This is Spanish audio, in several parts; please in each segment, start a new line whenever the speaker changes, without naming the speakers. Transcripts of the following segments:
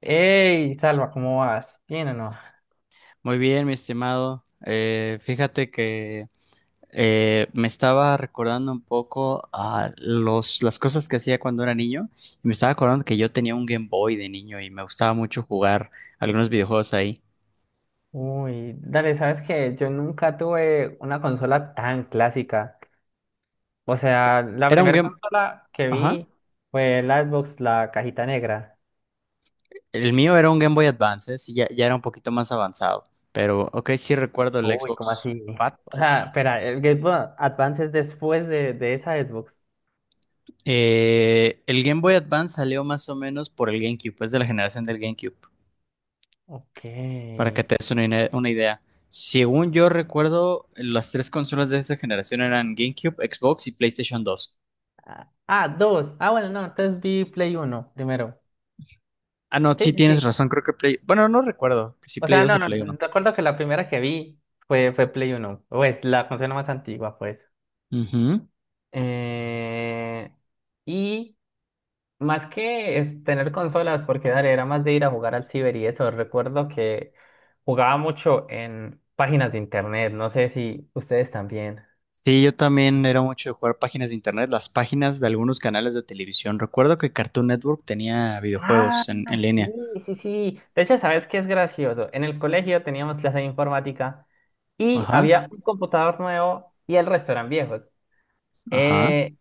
Hey, Salva, ¿cómo vas? ¿Bien o no?
Muy bien, mi estimado. Fíjate que me estaba recordando un poco a las cosas que hacía cuando era niño y me estaba acordando que yo tenía un Game Boy de niño y me gustaba mucho jugar algunos videojuegos ahí.
Uy, dale, ¿sabes qué? Yo nunca tuve una consola tan clásica. O sea, la
Era un
primera
Game.
consola que
Ajá.
vi fue la Xbox, la cajita negra.
El mío era un Game Boy Advance, ¿eh? Sí, ya era un poquito más avanzado, pero ok, sí recuerdo el
Uy, ¿cómo
Xbox
así?
Fat.
O sea, espera, el Game Boy Advance es después de esa Xbox.
El Game Boy Advance salió más o menos por el GameCube, es de la generación del GameCube.
Ok.
Para que te des una idea. Según yo recuerdo, las tres consolas de esa generación eran GameCube, Xbox y PlayStation dos.
Ah, ah, dos. Ah, bueno, no, entonces vi Play Uno primero.
Ah, no,
Sí,
sí
sí, sí.
tienes razón, creo que Play. Bueno, no recuerdo si
O
Play
sea,
dos
no,
o
no,
Play uno.
recuerdo que la primera que vi fue Play Uno. Pues la consola más antigua, pues.
Ujú.
Eh, y más que es tener consolas, porque dale, era más de ir a jugar al ciber y eso. Recuerdo que jugaba mucho en páginas de internet, no sé si ustedes también.
Sí, yo también era mucho de jugar páginas de internet, las páginas de algunos canales de televisión. Recuerdo que Cartoon Network tenía
Ah,
videojuegos en línea.
sí, sí, sí. De hecho, ¿sabes qué es gracioso? En el colegio teníamos clase de informática y
Ajá,
había un computador nuevo y el resto eran viejos.
ajá,
Eh,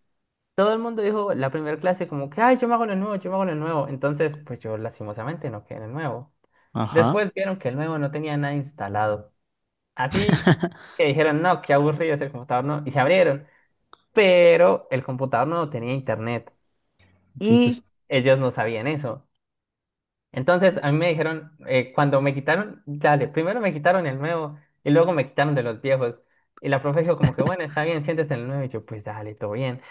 todo el mundo dijo la primera clase como que, ay, yo me hago lo nuevo, yo me hago lo nuevo. Entonces, pues yo lastimosamente no quedé en el nuevo.
ajá.
Después vieron que el nuevo no tenía nada instalado. Así que dijeron, no, qué aburrido ese computador, no. Y se abrieron. Pero el computador no tenía internet. Y
Entonces,
ellos no sabían eso. Entonces a mí me dijeron, cuando me quitaron, dale, primero me quitaron el nuevo y luego me quitaron de los viejos. Y la profe dijo como que, bueno, está bien, siéntese en el nuevo. Y yo, pues dale, todo bien.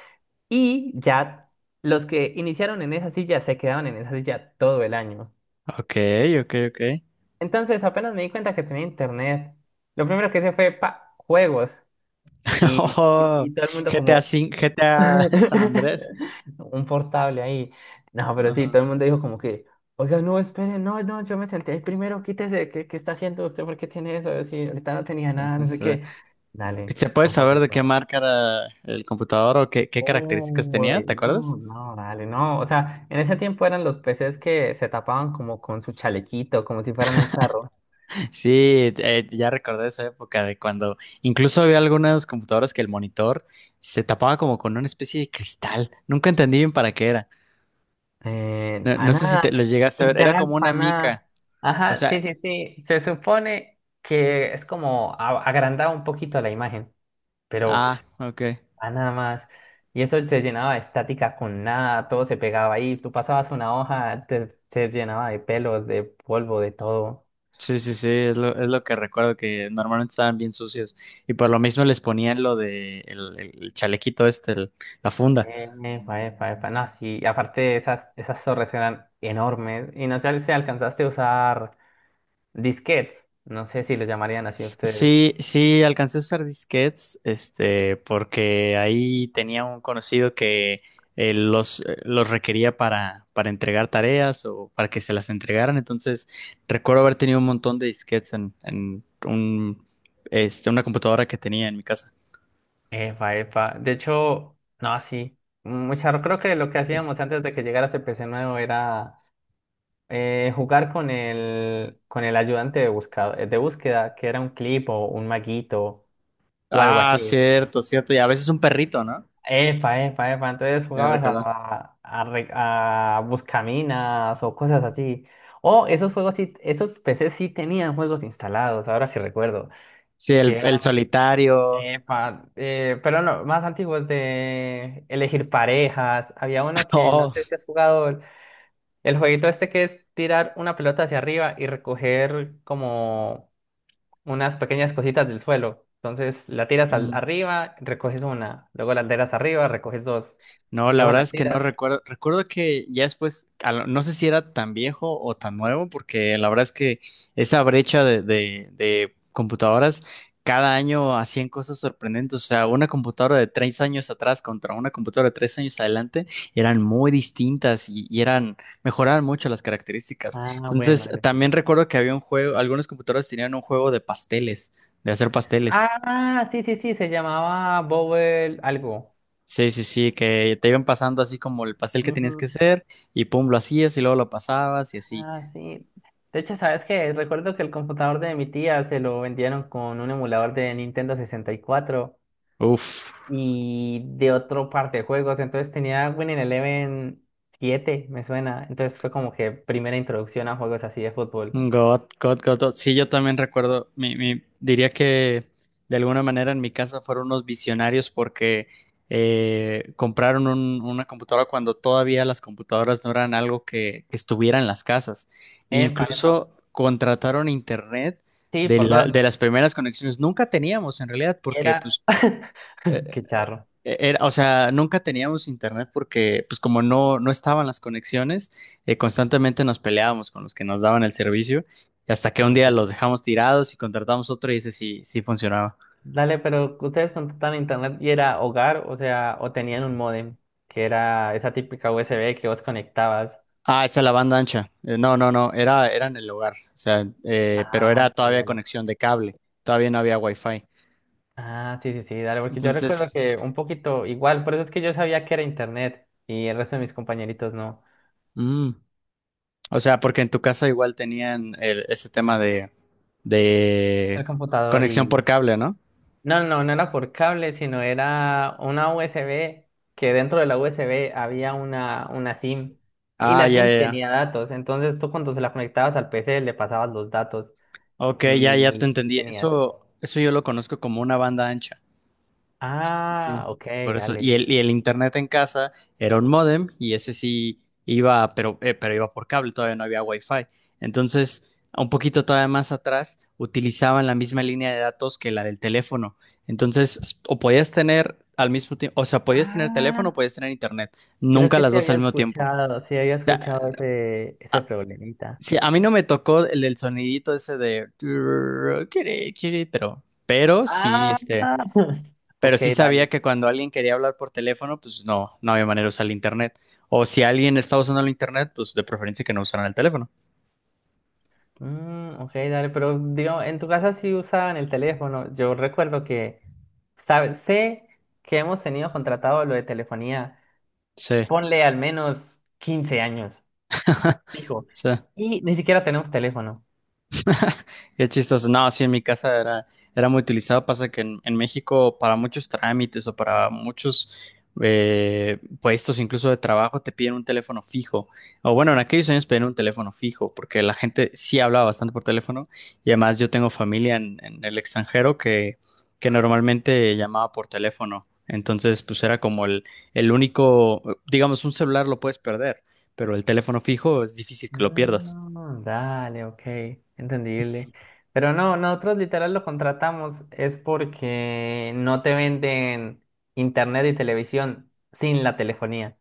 Y ya los que iniciaron en esa silla se quedaban en esa silla todo el año.
ok, ok, ok.
Entonces, apenas me di cuenta que tenía internet, lo primero que hice fue juegos. Y, y,
Oh,
y todo el mundo
GTA
como
5, GTA San Andrés.
un portable ahí. No, pero sí,
Ajá.
todo el mundo dijo como que, oiga, no, espere, no, no, yo me senté ahí primero, quítese, ¿qué está haciendo usted? ¿Por qué tiene eso? Yo, sí, ahorita no tenía
Sí,
nada,
sí,
no sé
sí.
qué. Dale,
¿Se puede saber
bastante
de qué
perro.
marca era el computador o qué características tenía?
Uy,
¿Te
no,
acuerdas?
no, dale, no. O sea, en ese tiempo eran los PCs que se tapaban como con su chalequito, como si fueran un carro.
Sí, ya recordé esa época de cuando incluso había algunas computadoras que el monitor se tapaba como con una especie de cristal. Nunca entendí bien para qué era.
Eh,
No,
para
no sé si te
nada,
los llegaste a ver, era
literal,
como una
para nada.
mica. O
Ajá, sí,
sea,
sí, sí. Se supone que es como agrandar un poquito la imagen, pero
ah, ok.
para nada más. Y eso se llenaba de estática con nada, todo se pegaba ahí. Tú pasabas una hoja, se llenaba de pelos, de polvo, de todo.
Sí, sí, sí, es lo que recuerdo que normalmente estaban bien sucios. Y por lo mismo les ponían lo de el chalequito este, la funda.
Epa, epa, epa. No, sí, y aparte esas torres eran enormes. Y no sé si alcanzaste a usar disquetes. No sé si lo llamarían así ustedes.
Sí, sí, alcancé a usar disquetes, porque ahí tenía un conocido que los requería para entregar tareas o para que se las entregaran. Entonces, recuerdo haber tenido un montón de disquetes en una computadora que tenía en mi casa.
Epa, epa. De hecho, no, sí. Mucha, creo que lo que hacíamos antes de que llegara ese PC nuevo era jugar con el ayudante de búsqueda, que era un clip o un maguito o algo
Ah,
así.
cierto, cierto. Y a veces un perrito, ¿no?
Epa, epa, epa. Entonces
Ya
jugabas
recordé.
a buscaminas o cosas así. O esos juegos sí, esos PCs sí tenían juegos instalados, ahora que recuerdo.
Sí, el solitario.
Epa, pero no, más antiguos de elegir parejas. Había uno que no
Oh.
sé si has jugado el jueguito este que es tirar una pelota hacia arriba y recoger como unas pequeñas cositas del suelo. Entonces la tiras
Mm.
arriba, recoges una, luego la tiras arriba, recoges dos,
No, la
luego
verdad
la
es que no
tiras.
recuerdo. Recuerdo que ya después, no sé si era tan viejo o tan nuevo, porque la verdad es que esa brecha de computadoras, cada año hacían cosas sorprendentes. O sea, una computadora de tres años atrás contra una computadora de tres años adelante eran muy distintas y mejoraban mucho las características.
Ah, bueno,
Entonces,
dale, sí.
también recuerdo que había un juego, algunas computadoras tenían un juego de pasteles, de hacer pasteles.
Ah, sí, sí, sí, se llamaba Bobble algo.
Sí, sí, sí, que te iban pasando así como el pastel que
Ujú.
tenías que hacer y pum, lo hacías y luego lo pasabas y así.
Ah, sí. De hecho, ¿sabes qué? Recuerdo que el computador de mi tía se lo vendieron con un emulador de Nintendo 64
Uf,
y de otro par de juegos. Entonces tenía Winning Eleven 7 me suena. Entonces fue como que primera introducción a juegos así de fútbol.
God, God, God, God. Sí, yo también recuerdo, diría que de alguna manera en mi casa fueron unos visionarios porque compraron una computadora cuando todavía las computadoras no eran algo que estuviera en las casas.
Epa, epa.
Incluso contrataron internet
Sí, por dos.
de las primeras conexiones. Nunca teníamos en realidad
Y
porque
Era.
pues, eh,
Qué charro.
Era, o sea, nunca teníamos internet porque, pues como no estaban las conexiones, constantemente nos peleábamos con los que nos daban el servicio, y hasta que un
Ok.
día los dejamos tirados y contratamos otro y ese sí funcionaba.
Dale, pero ustedes contrataban internet y era hogar, o sea, o tenían un módem, que era esa típica USB que vos conectabas.
Ah, esa es la banda ancha. No, no, no, era en el hogar, o sea, pero
Ah,
era
ok,
todavía
dale.
conexión de cable, todavía no había wifi.
Ah, sí, sí, sí, dale, porque yo recuerdo
Entonces,
que un poquito igual, por eso es que yo sabía que era internet y el resto de mis compañeritos no.
mm, o sea, porque en tu casa igual tenían ese tema de,
El
de
computador
conexión por
y...
cable, ¿no?
No, no, no era por cable, sino era una USB, que dentro de la USB había una SIM y
Ah,
la
ya,
SIM
ya, ya.
tenía datos, entonces tú cuando se la conectabas al PC le pasabas los datos
Ok, ya te
y
entendí.
tenías...
Eso yo lo conozco como una banda ancha. Sí, sí,
Ah,
sí.
ok,
Por eso, y
dale.
el, y el internet en casa era un módem y ese sí iba, pero iba por cable, todavía no había wifi. Entonces, un poquito todavía más atrás, utilizaban la misma línea de datos que la del teléfono. Entonces, o podías tener al mismo tiempo, o sea, podías tener teléfono o
Ah,
podías tener internet,
creo
nunca
que
las dos al mismo tiempo.
sí había
Ya,
escuchado ese
a-
problemita.
Sí, a mí no me tocó el del sonidito ese de turr, kiri, kiri, pero, pero sí,
Ah,
este, pero
ok,
sí sabía
dale.
que cuando alguien quería hablar por teléfono, pues no había manera de usar el internet. O si alguien estaba usando el internet, pues de preferencia que no usaran el teléfono.
Mm, ok, dale, pero digo, en tu casa sí usaban el teléfono. Yo recuerdo que sé que hemos tenido contratado lo de telefonía,
Sí,
ponle al menos 15 años, fijo,
sí.
y ni siquiera tenemos teléfono.
Qué chistoso. No, sí, en mi casa era muy utilizado. Pasa que en México para muchos trámites o para muchos puestos, incluso de trabajo, te piden un teléfono fijo. O bueno, en aquellos años pedían un teléfono fijo porque la gente sí hablaba bastante por teléfono y además yo tengo familia en el extranjero que normalmente llamaba por teléfono. Entonces, pues era como el único, digamos, un celular lo puedes perder, pero el teléfono fijo es difícil que lo pierdas.
Mm, dale, ok, entendible. Pero no, nosotros literal lo contratamos es porque no te venden internet y televisión sin la telefonía.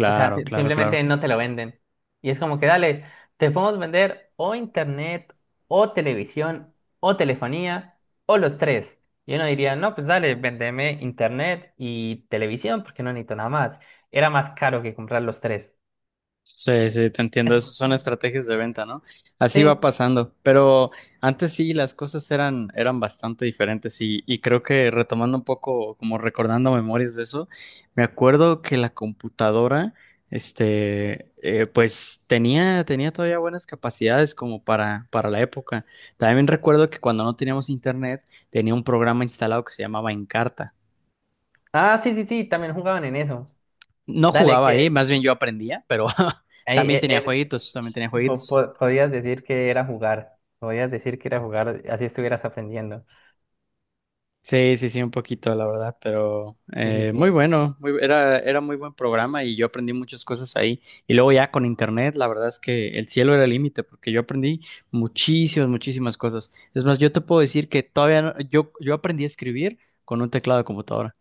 O sea,
claro, claro.
simplemente no te lo venden. Y es como que dale, te podemos vender o internet, o televisión, o telefonía, o los tres. Y uno diría, no, pues dale, vendeme internet y televisión porque no necesito nada más. Era más caro que comprar los tres.
Sí, sí, te entiendo. Eso son estrategias de venta, ¿no? Así va
Sí.
pasando. Pero antes sí, las cosas eran bastante diferentes y creo que retomando un poco, como recordando memorias de eso, me acuerdo que la computadora, pues tenía todavía buenas capacidades como para la época. También recuerdo que cuando no teníamos internet, tenía un programa instalado que se llamaba Encarta.
Ah, sí, sí, sí, también jugaban en eso.
No
Dale,
jugaba ahí,
que
más bien yo aprendía, pero
ahí
también tenía jueguitos, también tenía jueguitos.
podías decir que era jugar. Podías decir que era jugar, así estuvieras aprendiendo.
Sí, sí, sí, un poquito, la verdad, pero
Sí, sí,
muy
sí.
bueno, era muy buen programa y yo aprendí muchas cosas ahí. Y luego ya con internet, la verdad es que el cielo era el límite, porque yo aprendí muchísimas, muchísimas cosas. Es más, yo te puedo decir que todavía no- yo aprendí a escribir con un teclado de computadora.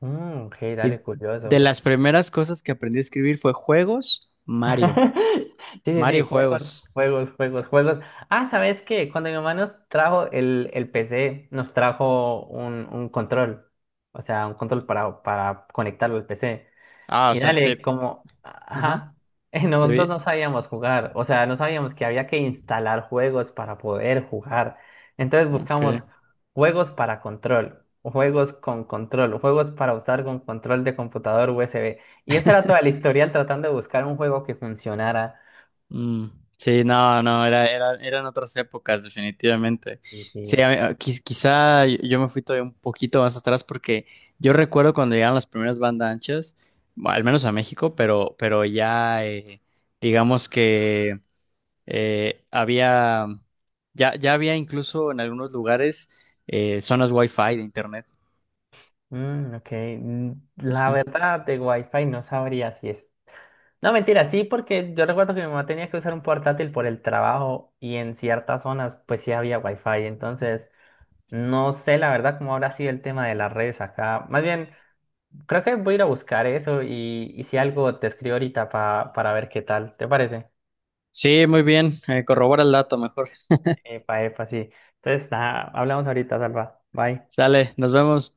Mm, ok,
Y
dale,
de
curioso.
las primeras cosas que aprendí a escribir fue juegos, Mario,
Sí, sí, sí,
Mario
juegos,
juegos.
juegos, juegos, juegos. Ah, ¿sabes qué? Cuando mi mamá nos trajo el PC, nos trajo un control, o sea, un control para conectarlo al PC.
Ah, o
Y
sea,
dale, como,
Ajá,
ajá, nosotros
de...
no sabíamos jugar, o sea, no sabíamos que había que instalar juegos para poder jugar. Entonces
Ok.
buscamos juegos para control, juegos con control, juegos para usar con control de computador USB. Y esa era toda la historial tratando de buscar un juego que funcionara.
Mm, sí, no, no, eran otras épocas, definitivamente.
Sí,
Sí,
sí,
a mí- a- quiz- quizá yo me fui todavía un poquito más atrás porque yo recuerdo cuando llegaron las primeras bandas anchas, bueno, al menos a México, pero ya digamos que eh, había, ya había incluso en algunos lugares zonas fi de internet.
mm, ok. Mm, la
Sí,
verdad de Wi-Fi no sabría si es... No, mentira, sí, porque yo recuerdo que mi mamá tenía que usar un portátil por el trabajo y en ciertas zonas pues sí había wifi, entonces no sé la verdad cómo habrá sido el tema de las redes acá. Más bien, creo que voy a ir a buscar eso y si algo te escribo ahorita para ver qué tal, ¿te parece?
sí, muy bien, corrobora el dato mejor.
Epa, epa, sí. Entonces, nada, hablamos ahorita, Salva. Bye.
Sale, nos vemos.